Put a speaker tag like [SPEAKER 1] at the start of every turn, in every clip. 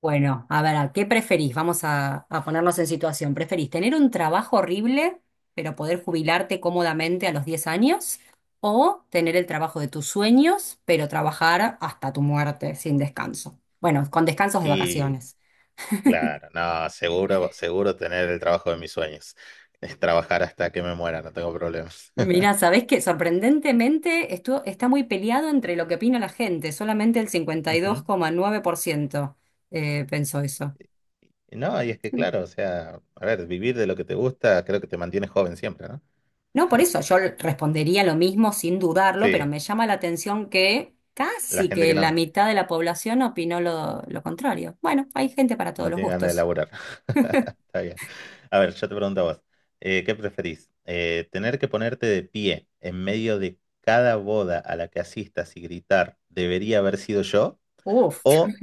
[SPEAKER 1] Bueno, a ver, ¿a ¿qué preferís? Vamos a ponernos en situación. ¿Preferís tener un trabajo horrible, pero poder jubilarte cómodamente a los 10 años? ¿O tener el trabajo de tus sueños, pero trabajar hasta tu muerte sin descanso? Bueno, con descansos de
[SPEAKER 2] Y
[SPEAKER 1] vacaciones.
[SPEAKER 2] claro, no, seguro, seguro tener el trabajo de mis sueños. Es trabajar hasta que me muera, no tengo problemas.
[SPEAKER 1] Mira, ¿sabés qué? Sorprendentemente esto está muy peleado entre lo que opina la gente. Solamente el
[SPEAKER 2] Ujú.
[SPEAKER 1] 52,9% pensó eso.
[SPEAKER 2] Y no, y es que claro, o sea, a ver, vivir de lo que te gusta, creo que te mantienes joven siempre, ¿no?
[SPEAKER 1] No, por eso yo respondería lo mismo sin dudarlo, pero
[SPEAKER 2] Sí,
[SPEAKER 1] me llama la atención que
[SPEAKER 2] la
[SPEAKER 1] casi
[SPEAKER 2] gente
[SPEAKER 1] que
[SPEAKER 2] que
[SPEAKER 1] la
[SPEAKER 2] no,
[SPEAKER 1] mitad de la población opinó lo contrario. Bueno, hay gente para todos
[SPEAKER 2] no
[SPEAKER 1] los
[SPEAKER 2] tiene ganas de
[SPEAKER 1] gustos.
[SPEAKER 2] laburar. Está bien. A ver, yo te pregunto a vos, ¿qué preferís? ¿Tener que ponerte de pie en medio de cada boda a la que asistas y gritar, debería haber sido yo?
[SPEAKER 1] Uf,
[SPEAKER 2] ¿O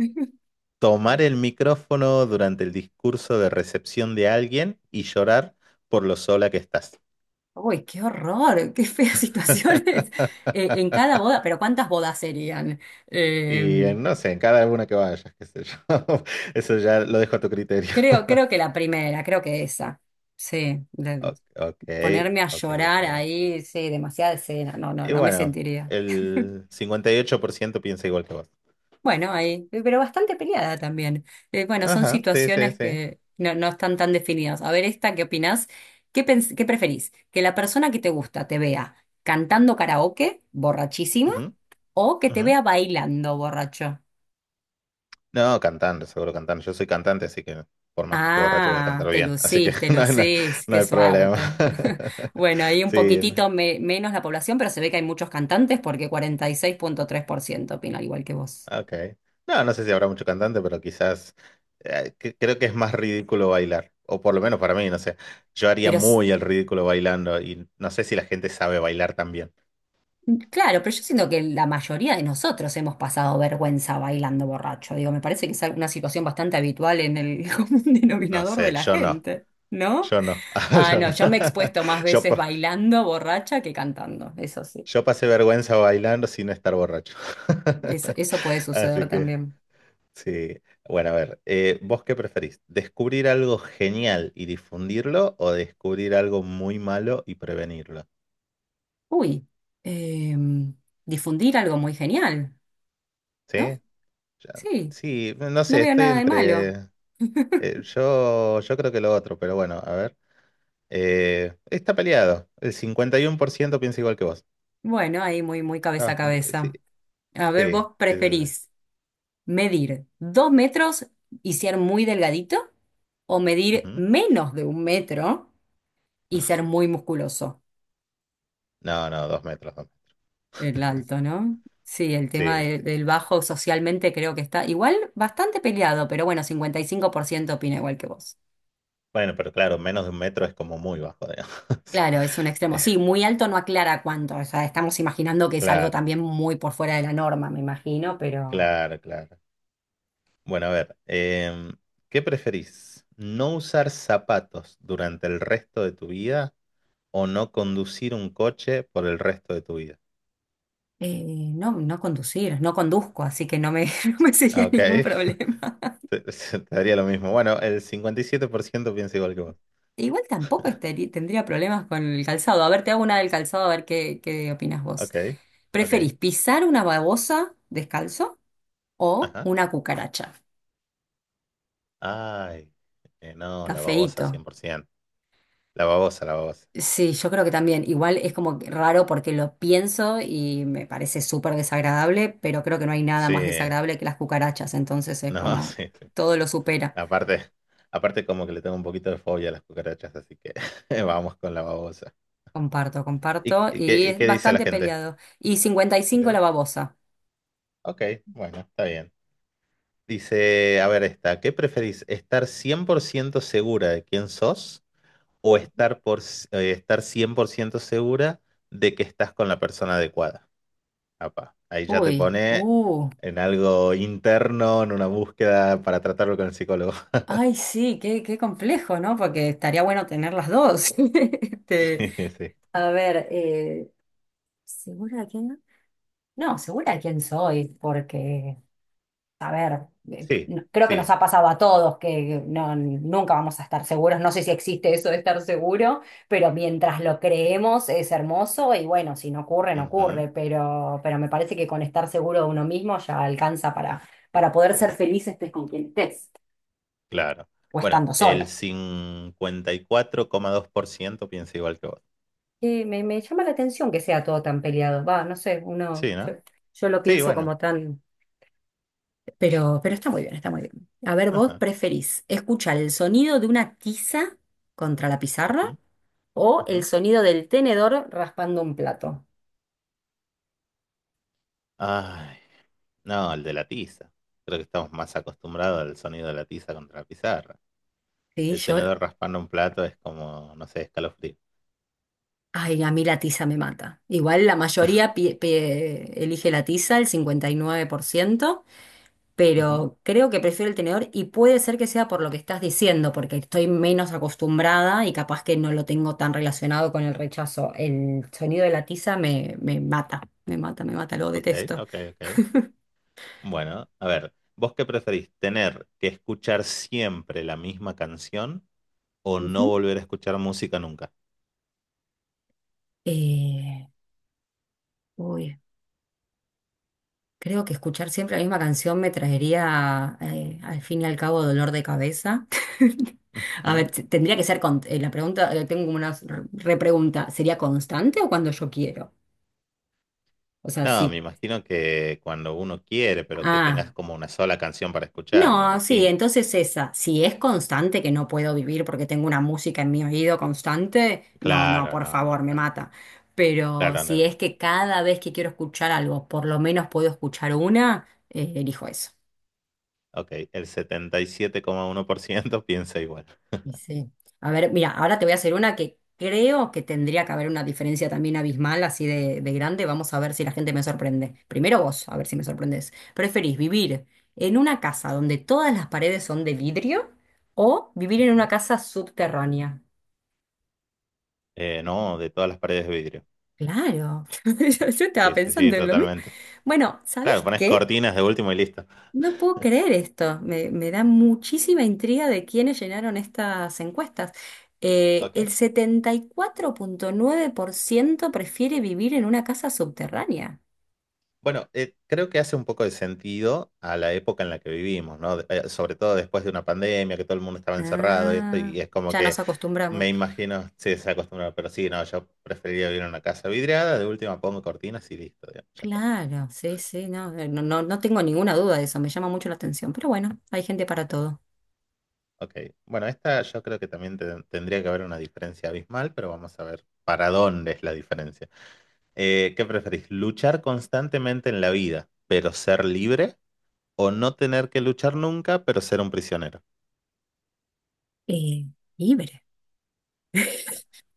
[SPEAKER 2] tomar el micrófono durante el discurso de recepción de alguien y llorar por lo sola que estás?
[SPEAKER 1] uy, qué horror, qué feas situaciones. En cada boda, pero ¿cuántas bodas serían? Eh,
[SPEAKER 2] Y no sé, en cada una que vayas, qué sé yo. Eso ya lo dejo a tu criterio.
[SPEAKER 1] creo, creo que la primera, creo que esa. Sí,
[SPEAKER 2] Ok,
[SPEAKER 1] ponerme a
[SPEAKER 2] ok,
[SPEAKER 1] llorar
[SPEAKER 2] ok.
[SPEAKER 1] ahí, sí, demasiada escena, no, no,
[SPEAKER 2] Y
[SPEAKER 1] no me
[SPEAKER 2] bueno,
[SPEAKER 1] sentiría.
[SPEAKER 2] el 58% piensa igual que vos.
[SPEAKER 1] Bueno, ahí, pero bastante peleada también. Bueno, son
[SPEAKER 2] Ajá, sí, sí,
[SPEAKER 1] situaciones
[SPEAKER 2] sí.
[SPEAKER 1] que no están tan definidas. A ver, esta, ¿qué opinás? ¿ Qué preferís? ¿Que la persona que te gusta te vea cantando karaoke, borrachísima,
[SPEAKER 2] Ujú,
[SPEAKER 1] o que te
[SPEAKER 2] ujú.
[SPEAKER 1] vea bailando, borracho?
[SPEAKER 2] No, cantando, seguro cantando. Yo soy cantante, así que por más que esté borracho voy a
[SPEAKER 1] Ah,
[SPEAKER 2] cantar bien. Así que
[SPEAKER 1] te
[SPEAKER 2] no, no,
[SPEAKER 1] lucís,
[SPEAKER 2] no
[SPEAKER 1] qué
[SPEAKER 2] hay problema.
[SPEAKER 1] suerte. Bueno, ahí un
[SPEAKER 2] Sí,
[SPEAKER 1] poquitito menos la población, pero se ve que hay muchos cantantes porque 46,3% opina al igual que vos.
[SPEAKER 2] ah, ok. No, no sé si habrá mucho cantante, pero quizás creo que es más ridículo bailar. O por lo menos para mí, no sé. Yo haría
[SPEAKER 1] Pero s-
[SPEAKER 2] muy el ridículo bailando y no sé si la gente sabe bailar también.
[SPEAKER 1] Claro, pero yo siento que la mayoría de nosotros hemos pasado vergüenza bailando borracho. Digo, me parece que es una situación bastante habitual en el común
[SPEAKER 2] No
[SPEAKER 1] denominador de
[SPEAKER 2] sé,
[SPEAKER 1] la
[SPEAKER 2] yo no.
[SPEAKER 1] gente, ¿no?
[SPEAKER 2] Yo no.
[SPEAKER 1] Ah,
[SPEAKER 2] Yo
[SPEAKER 1] no,
[SPEAKER 2] no.
[SPEAKER 1] yo me he expuesto más
[SPEAKER 2] Yo,
[SPEAKER 1] veces
[SPEAKER 2] pa-
[SPEAKER 1] bailando borracha que cantando, eso sí.
[SPEAKER 2] yo pasé vergüenza bailando sin estar borracho.
[SPEAKER 1] Eso, eso puede suceder
[SPEAKER 2] Así que,
[SPEAKER 1] también.
[SPEAKER 2] sí. Bueno, a ver, ¿vos qué preferís? ¿Descubrir algo genial y difundirlo o descubrir algo muy malo y prevenirlo?
[SPEAKER 1] Uy, em, difundir algo muy genial, ¿no?
[SPEAKER 2] ¿Sí? Ya,
[SPEAKER 1] Sí,
[SPEAKER 2] sí, no
[SPEAKER 1] no
[SPEAKER 2] sé,
[SPEAKER 1] veo
[SPEAKER 2] estoy
[SPEAKER 1] nada de
[SPEAKER 2] entre.
[SPEAKER 1] malo.
[SPEAKER 2] Yo creo que lo otro, pero bueno, a ver. Está peleado. El 51% piensa igual que vos.
[SPEAKER 1] Bueno, ahí muy, muy
[SPEAKER 2] Está
[SPEAKER 1] cabeza a
[SPEAKER 2] bastante. Sí,
[SPEAKER 1] cabeza. A ver,
[SPEAKER 2] sí,
[SPEAKER 1] vos
[SPEAKER 2] sí, sí. Sí.
[SPEAKER 1] preferís medir 2 metros y ser muy delgadito, o medir
[SPEAKER 2] Ujú.
[SPEAKER 1] menos de un metro y ser muy musculoso.
[SPEAKER 2] No, no, 2 metros. 2 metros.
[SPEAKER 1] El alto, ¿no? Sí, el tema
[SPEAKER 2] Sí, sí.
[SPEAKER 1] del bajo socialmente creo que está igual bastante peleado, pero bueno, 55% opina igual que vos.
[SPEAKER 2] Bueno, pero claro, menos de 1 metro es como muy bajo, digamos.
[SPEAKER 1] Claro, es un extremo.
[SPEAKER 2] Eh,
[SPEAKER 1] Sí, muy alto no aclara cuánto. O sea, estamos imaginando que es algo
[SPEAKER 2] claro,
[SPEAKER 1] también muy por fuera de la norma, me imagino, pero
[SPEAKER 2] claro, claro. Bueno, a ver. ¿Qué preferís? ¿No usar zapatos durante el resto de tu vida o no conducir un coche por el resto de tu vida?
[SPEAKER 1] no, no conducir, no conduzco, así que no me, no me
[SPEAKER 2] Ah,
[SPEAKER 1] sería
[SPEAKER 2] ok,
[SPEAKER 1] ningún problema.
[SPEAKER 2] te daría lo mismo. Bueno, el 57% piensa igual que vos.
[SPEAKER 1] Igual tampoco tendría problemas con el calzado. A ver, te hago una del calzado, a ver qué opinas vos.
[SPEAKER 2] Ok, ok,
[SPEAKER 1] ¿Preferís pisar una babosa descalzo o
[SPEAKER 2] ajá.
[SPEAKER 1] una cucaracha?
[SPEAKER 2] Ay, no,
[SPEAKER 1] Está
[SPEAKER 2] la babosa
[SPEAKER 1] feíto.
[SPEAKER 2] 100%. La babosa, la babosa.
[SPEAKER 1] Sí, yo creo que también. Igual es como que raro porque lo pienso y me parece súper desagradable, pero creo que no hay nada
[SPEAKER 2] Sí,
[SPEAKER 1] más desagradable que las cucarachas. Entonces es
[SPEAKER 2] no,
[SPEAKER 1] como
[SPEAKER 2] sí. Sí.
[SPEAKER 1] todo lo supera.
[SPEAKER 2] Aparte, aparte como que le tengo un poquito de fobia a las cucarachas, así que vamos con la babosa.
[SPEAKER 1] Comparto,
[SPEAKER 2] ¿Y, qué,
[SPEAKER 1] comparto.
[SPEAKER 2] y qué
[SPEAKER 1] Y
[SPEAKER 2] y
[SPEAKER 1] es
[SPEAKER 2] qué dice la
[SPEAKER 1] bastante
[SPEAKER 2] gente?
[SPEAKER 1] peleado. Y 55 la
[SPEAKER 2] Ok,
[SPEAKER 1] babosa.
[SPEAKER 2] ok, bueno, está bien. Dice, a ver esta, ¿qué preferís? ¿Estar 100% segura de quién sos? O estar, por, estar 100% segura de que estás con la persona adecuada. Apa, ahí ya te
[SPEAKER 1] Uy,
[SPEAKER 2] pone
[SPEAKER 1] uh.
[SPEAKER 2] en algo interno, en una búsqueda para tratarlo con el psicólogo.
[SPEAKER 1] Ay, sí, qué complejo, ¿no? Porque estaría bueno tener las dos.
[SPEAKER 2] Sí,
[SPEAKER 1] Este,
[SPEAKER 2] sí,
[SPEAKER 1] a ver, ¿segura de quién? No, segura de quién soy, porque, a ver,
[SPEAKER 2] sí.
[SPEAKER 1] creo que nos
[SPEAKER 2] Sí,
[SPEAKER 1] ha pasado a todos que no, nunca vamos a estar seguros. No sé si existe eso de estar seguro, pero mientras lo creemos es hermoso y bueno, si no ocurre, no
[SPEAKER 2] ujú,
[SPEAKER 1] ocurre, pero, me parece que con estar seguro de uno mismo ya alcanza para poder ser feliz estés con quien estés
[SPEAKER 2] claro.
[SPEAKER 1] o
[SPEAKER 2] Bueno,
[SPEAKER 1] estando solo.
[SPEAKER 2] el 54,2% piensa igual que vos.
[SPEAKER 1] Sí, me llama la atención que sea todo tan peleado. Va, no sé, uno,
[SPEAKER 2] Sí,
[SPEAKER 1] yo,
[SPEAKER 2] ¿no?
[SPEAKER 1] yo lo
[SPEAKER 2] Sí,
[SPEAKER 1] pienso
[SPEAKER 2] bueno.
[SPEAKER 1] como tan. Pero está muy bien, está muy bien. A ver, ¿vos
[SPEAKER 2] Ajá.
[SPEAKER 1] preferís escuchar el sonido de una tiza contra la
[SPEAKER 2] Ujú,
[SPEAKER 1] pizarra? O
[SPEAKER 2] ujú.
[SPEAKER 1] el sonido del tenedor raspando un plato.
[SPEAKER 2] Ay, no, el de la tiza. Creo que estamos más acostumbrados al sonido de la tiza contra la pizarra.
[SPEAKER 1] Sí,
[SPEAKER 2] El
[SPEAKER 1] yo,
[SPEAKER 2] tenedor raspando un plato es como, no sé, escalofrío.
[SPEAKER 1] ay, a mí la tiza me mata. Igual la mayoría elige la tiza, el 59%.
[SPEAKER 2] Ujú,
[SPEAKER 1] Pero creo que prefiero el tenedor y puede ser que sea por lo que estás diciendo, porque estoy menos acostumbrada y capaz que no lo tengo tan relacionado con el rechazo. El sonido de la tiza me mata, me mata, me mata, lo
[SPEAKER 2] ok,
[SPEAKER 1] detesto.
[SPEAKER 2] ok, ok. Bueno, a ver, ¿vos qué preferís? ¿Tener que escuchar siempre la misma canción o no
[SPEAKER 1] Ujú.
[SPEAKER 2] volver a escuchar música nunca?
[SPEAKER 1] Eh, Uy, creo que escuchar siempre la misma canción me traería, al fin y al cabo, dolor de cabeza. A
[SPEAKER 2] Ujú.
[SPEAKER 1] ver, tendría que ser con, la pregunta, tengo como una repregunta, ¿sería constante o cuando yo quiero? O sea,
[SPEAKER 2] No, me
[SPEAKER 1] sí.
[SPEAKER 2] imagino que cuando uno quiere, pero que tengas
[SPEAKER 1] Ah.
[SPEAKER 2] como una sola canción para escuchar, me
[SPEAKER 1] No, sí,
[SPEAKER 2] imagino.
[SPEAKER 1] entonces esa, si es constante que no puedo vivir porque tengo una música en mi oído constante, no, no,
[SPEAKER 2] Claro,
[SPEAKER 1] por
[SPEAKER 2] no, no,
[SPEAKER 1] favor, me
[SPEAKER 2] está bien.
[SPEAKER 1] mata. Pero
[SPEAKER 2] Claro, no,
[SPEAKER 1] si
[SPEAKER 2] no.
[SPEAKER 1] es que cada vez que quiero escuchar algo, por lo menos puedo escuchar una, elijo eso.
[SPEAKER 2] Ok, el 77,1% piensa igual.
[SPEAKER 1] Y sí. A ver, mira, ahora te voy a hacer una que creo que tendría que haber una diferencia también abismal, así de grande. Vamos a ver si la gente me sorprende. Primero vos, a ver si me sorprendes. ¿Preferís vivir en una casa donde todas las paredes son de vidrio o vivir en una
[SPEAKER 2] Ujú.
[SPEAKER 1] casa subterránea?
[SPEAKER 2] No, de todas las paredes de vidrio.
[SPEAKER 1] Claro, yo estaba
[SPEAKER 2] Sí, sí, sí,
[SPEAKER 1] pensando en lo mismo.
[SPEAKER 2] totalmente.
[SPEAKER 1] Bueno,
[SPEAKER 2] Claro,
[SPEAKER 1] ¿sabés
[SPEAKER 2] pones
[SPEAKER 1] qué?
[SPEAKER 2] cortinas de último y listo.
[SPEAKER 1] No puedo creer esto, me da muchísima intriga de quiénes llenaron estas encuestas. El
[SPEAKER 2] Ok.
[SPEAKER 1] 74,9% prefiere vivir en una casa subterránea.
[SPEAKER 2] Bueno, creo que hace un poco de sentido a la época en la que vivimos, ¿no? Sobre todo después de una pandemia, que todo el mundo estaba encerrado y esto,
[SPEAKER 1] Ah,
[SPEAKER 2] y es como
[SPEAKER 1] ya
[SPEAKER 2] que
[SPEAKER 1] nos acostumbramos.
[SPEAKER 2] me imagino, sí, se ha acostumbrado, pero sí, no, yo preferiría vivir en una casa vidriada, de última pongo cortinas y listo, digamos, ya está.
[SPEAKER 1] Claro, sí, sí, no, no tengo ninguna duda de eso, me llama mucho la atención, pero bueno, hay gente para todo.
[SPEAKER 2] Ok. Bueno, esta yo creo que también tendría que haber una diferencia abismal, pero vamos a ver para dónde es la diferencia. ¿Qué preferís? ¿Luchar constantemente en la vida, pero ser libre? O no tener que luchar nunca, pero ser un prisionero.
[SPEAKER 1] Eh,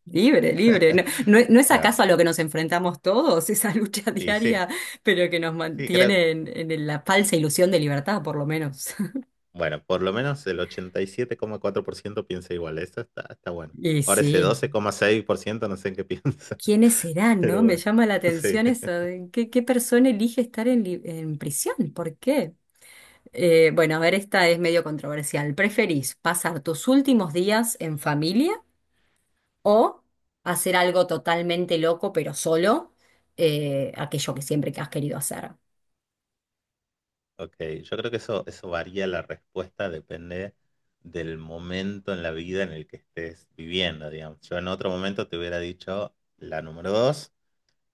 [SPEAKER 1] Libre, libre. ¿No, no es
[SPEAKER 2] Claro.
[SPEAKER 1] acaso a lo que nos enfrentamos todos, esa lucha
[SPEAKER 2] Y sí,
[SPEAKER 1] diaria, pero que nos
[SPEAKER 2] sí, creo,
[SPEAKER 1] mantiene en la falsa ilusión de libertad, por lo menos?
[SPEAKER 2] bueno, por lo menos el 87,4% piensa igual, eso está, está bueno.
[SPEAKER 1] Y
[SPEAKER 2] Ahora ese
[SPEAKER 1] sí,
[SPEAKER 2] 12,6% no sé en qué piensa,
[SPEAKER 1] ¿quiénes serán, no?
[SPEAKER 2] pero
[SPEAKER 1] Me
[SPEAKER 2] bueno,
[SPEAKER 1] llama la
[SPEAKER 2] sí.
[SPEAKER 1] atención eso, de ¿qué persona elige estar en prisión? ¿Por qué? Bueno, a ver, esta es medio controversial. ¿Preferís pasar tus últimos días en familia o hacer algo totalmente loco pero solo, aquello que siempre que has querido hacer?
[SPEAKER 2] Ok, yo creo que eso varía la respuesta, depende del momento en la vida en el que estés viviendo, digamos. Yo en otro momento te hubiera dicho la número dos,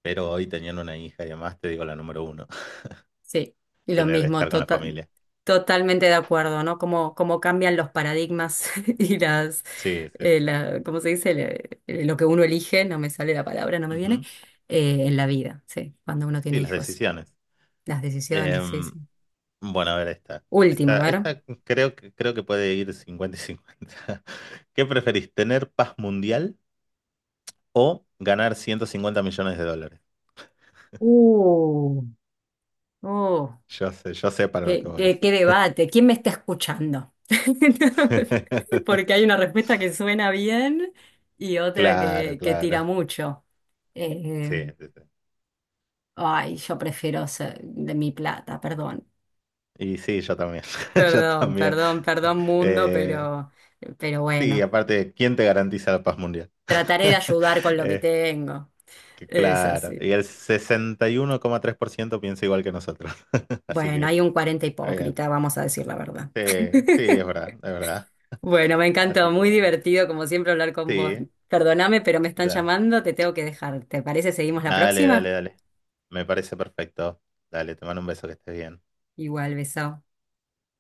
[SPEAKER 2] pero hoy teniendo una hija y además te digo la número uno,
[SPEAKER 1] Sí, y lo
[SPEAKER 2] tener,
[SPEAKER 1] mismo,
[SPEAKER 2] estar con la familia.
[SPEAKER 1] totalmente de acuerdo, ¿no? Cómo cambian los paradigmas y las,
[SPEAKER 2] Sí, sí, sí, sí.
[SPEAKER 1] la, ¿cómo se dice? Lo que uno elige, no me sale la palabra, no me viene, en la vida, sí, cuando uno
[SPEAKER 2] Sí,
[SPEAKER 1] tiene
[SPEAKER 2] las
[SPEAKER 1] hijos,
[SPEAKER 2] decisiones.
[SPEAKER 1] las decisiones, sí,
[SPEAKER 2] Em,
[SPEAKER 1] sí.
[SPEAKER 2] bueno, a ver esta.
[SPEAKER 1] Última, a
[SPEAKER 2] Esta,
[SPEAKER 1] ver.
[SPEAKER 2] esta creo que puede ir 50 y 50. ¿Qué preferís, tener paz mundial o ganar $150 millones?
[SPEAKER 1] Uh, oh,
[SPEAKER 2] Yo sé para lo que
[SPEAKER 1] qué,
[SPEAKER 2] voy.
[SPEAKER 1] qué, qué debate, ¿quién me está escuchando? Porque hay una respuesta que suena bien y otra
[SPEAKER 2] Claro,
[SPEAKER 1] que tira
[SPEAKER 2] claro.
[SPEAKER 1] mucho. eh,
[SPEAKER 2] Sí, sí, sí.
[SPEAKER 1] Ay, yo prefiero ser de mi plata, perdón.
[SPEAKER 2] Y sí, yo también. Yo
[SPEAKER 1] Perdón,
[SPEAKER 2] también.
[SPEAKER 1] perdón, perdón mundo,
[SPEAKER 2] Eh,
[SPEAKER 1] pero,
[SPEAKER 2] sí,
[SPEAKER 1] bueno,
[SPEAKER 2] aparte, ¿quién te garantiza la paz mundial?
[SPEAKER 1] trataré de ayudar con lo que
[SPEAKER 2] Eh,
[SPEAKER 1] tengo.
[SPEAKER 2] que
[SPEAKER 1] Es
[SPEAKER 2] claro.
[SPEAKER 1] así.
[SPEAKER 2] Y el 61,3% piensa igual que nosotros. Así
[SPEAKER 1] Bueno,
[SPEAKER 2] que
[SPEAKER 1] hay un 40
[SPEAKER 2] está bien.
[SPEAKER 1] hipócrita, vamos a decir la verdad.
[SPEAKER 2] Sí, sí, es verdad, es verdad.
[SPEAKER 1] Bueno, me
[SPEAKER 2] Así
[SPEAKER 1] encantó,
[SPEAKER 2] que
[SPEAKER 1] muy
[SPEAKER 2] bueno.
[SPEAKER 1] divertido como siempre hablar con vos.
[SPEAKER 2] Sí,
[SPEAKER 1] Perdóname, pero me están
[SPEAKER 2] dale.
[SPEAKER 1] llamando, te tengo que dejar. ¿Te parece seguimos la
[SPEAKER 2] Dale, dale,
[SPEAKER 1] próxima?
[SPEAKER 2] dale. Me parece perfecto. Dale, te mando un beso, que estés bien.
[SPEAKER 1] Igual, beso.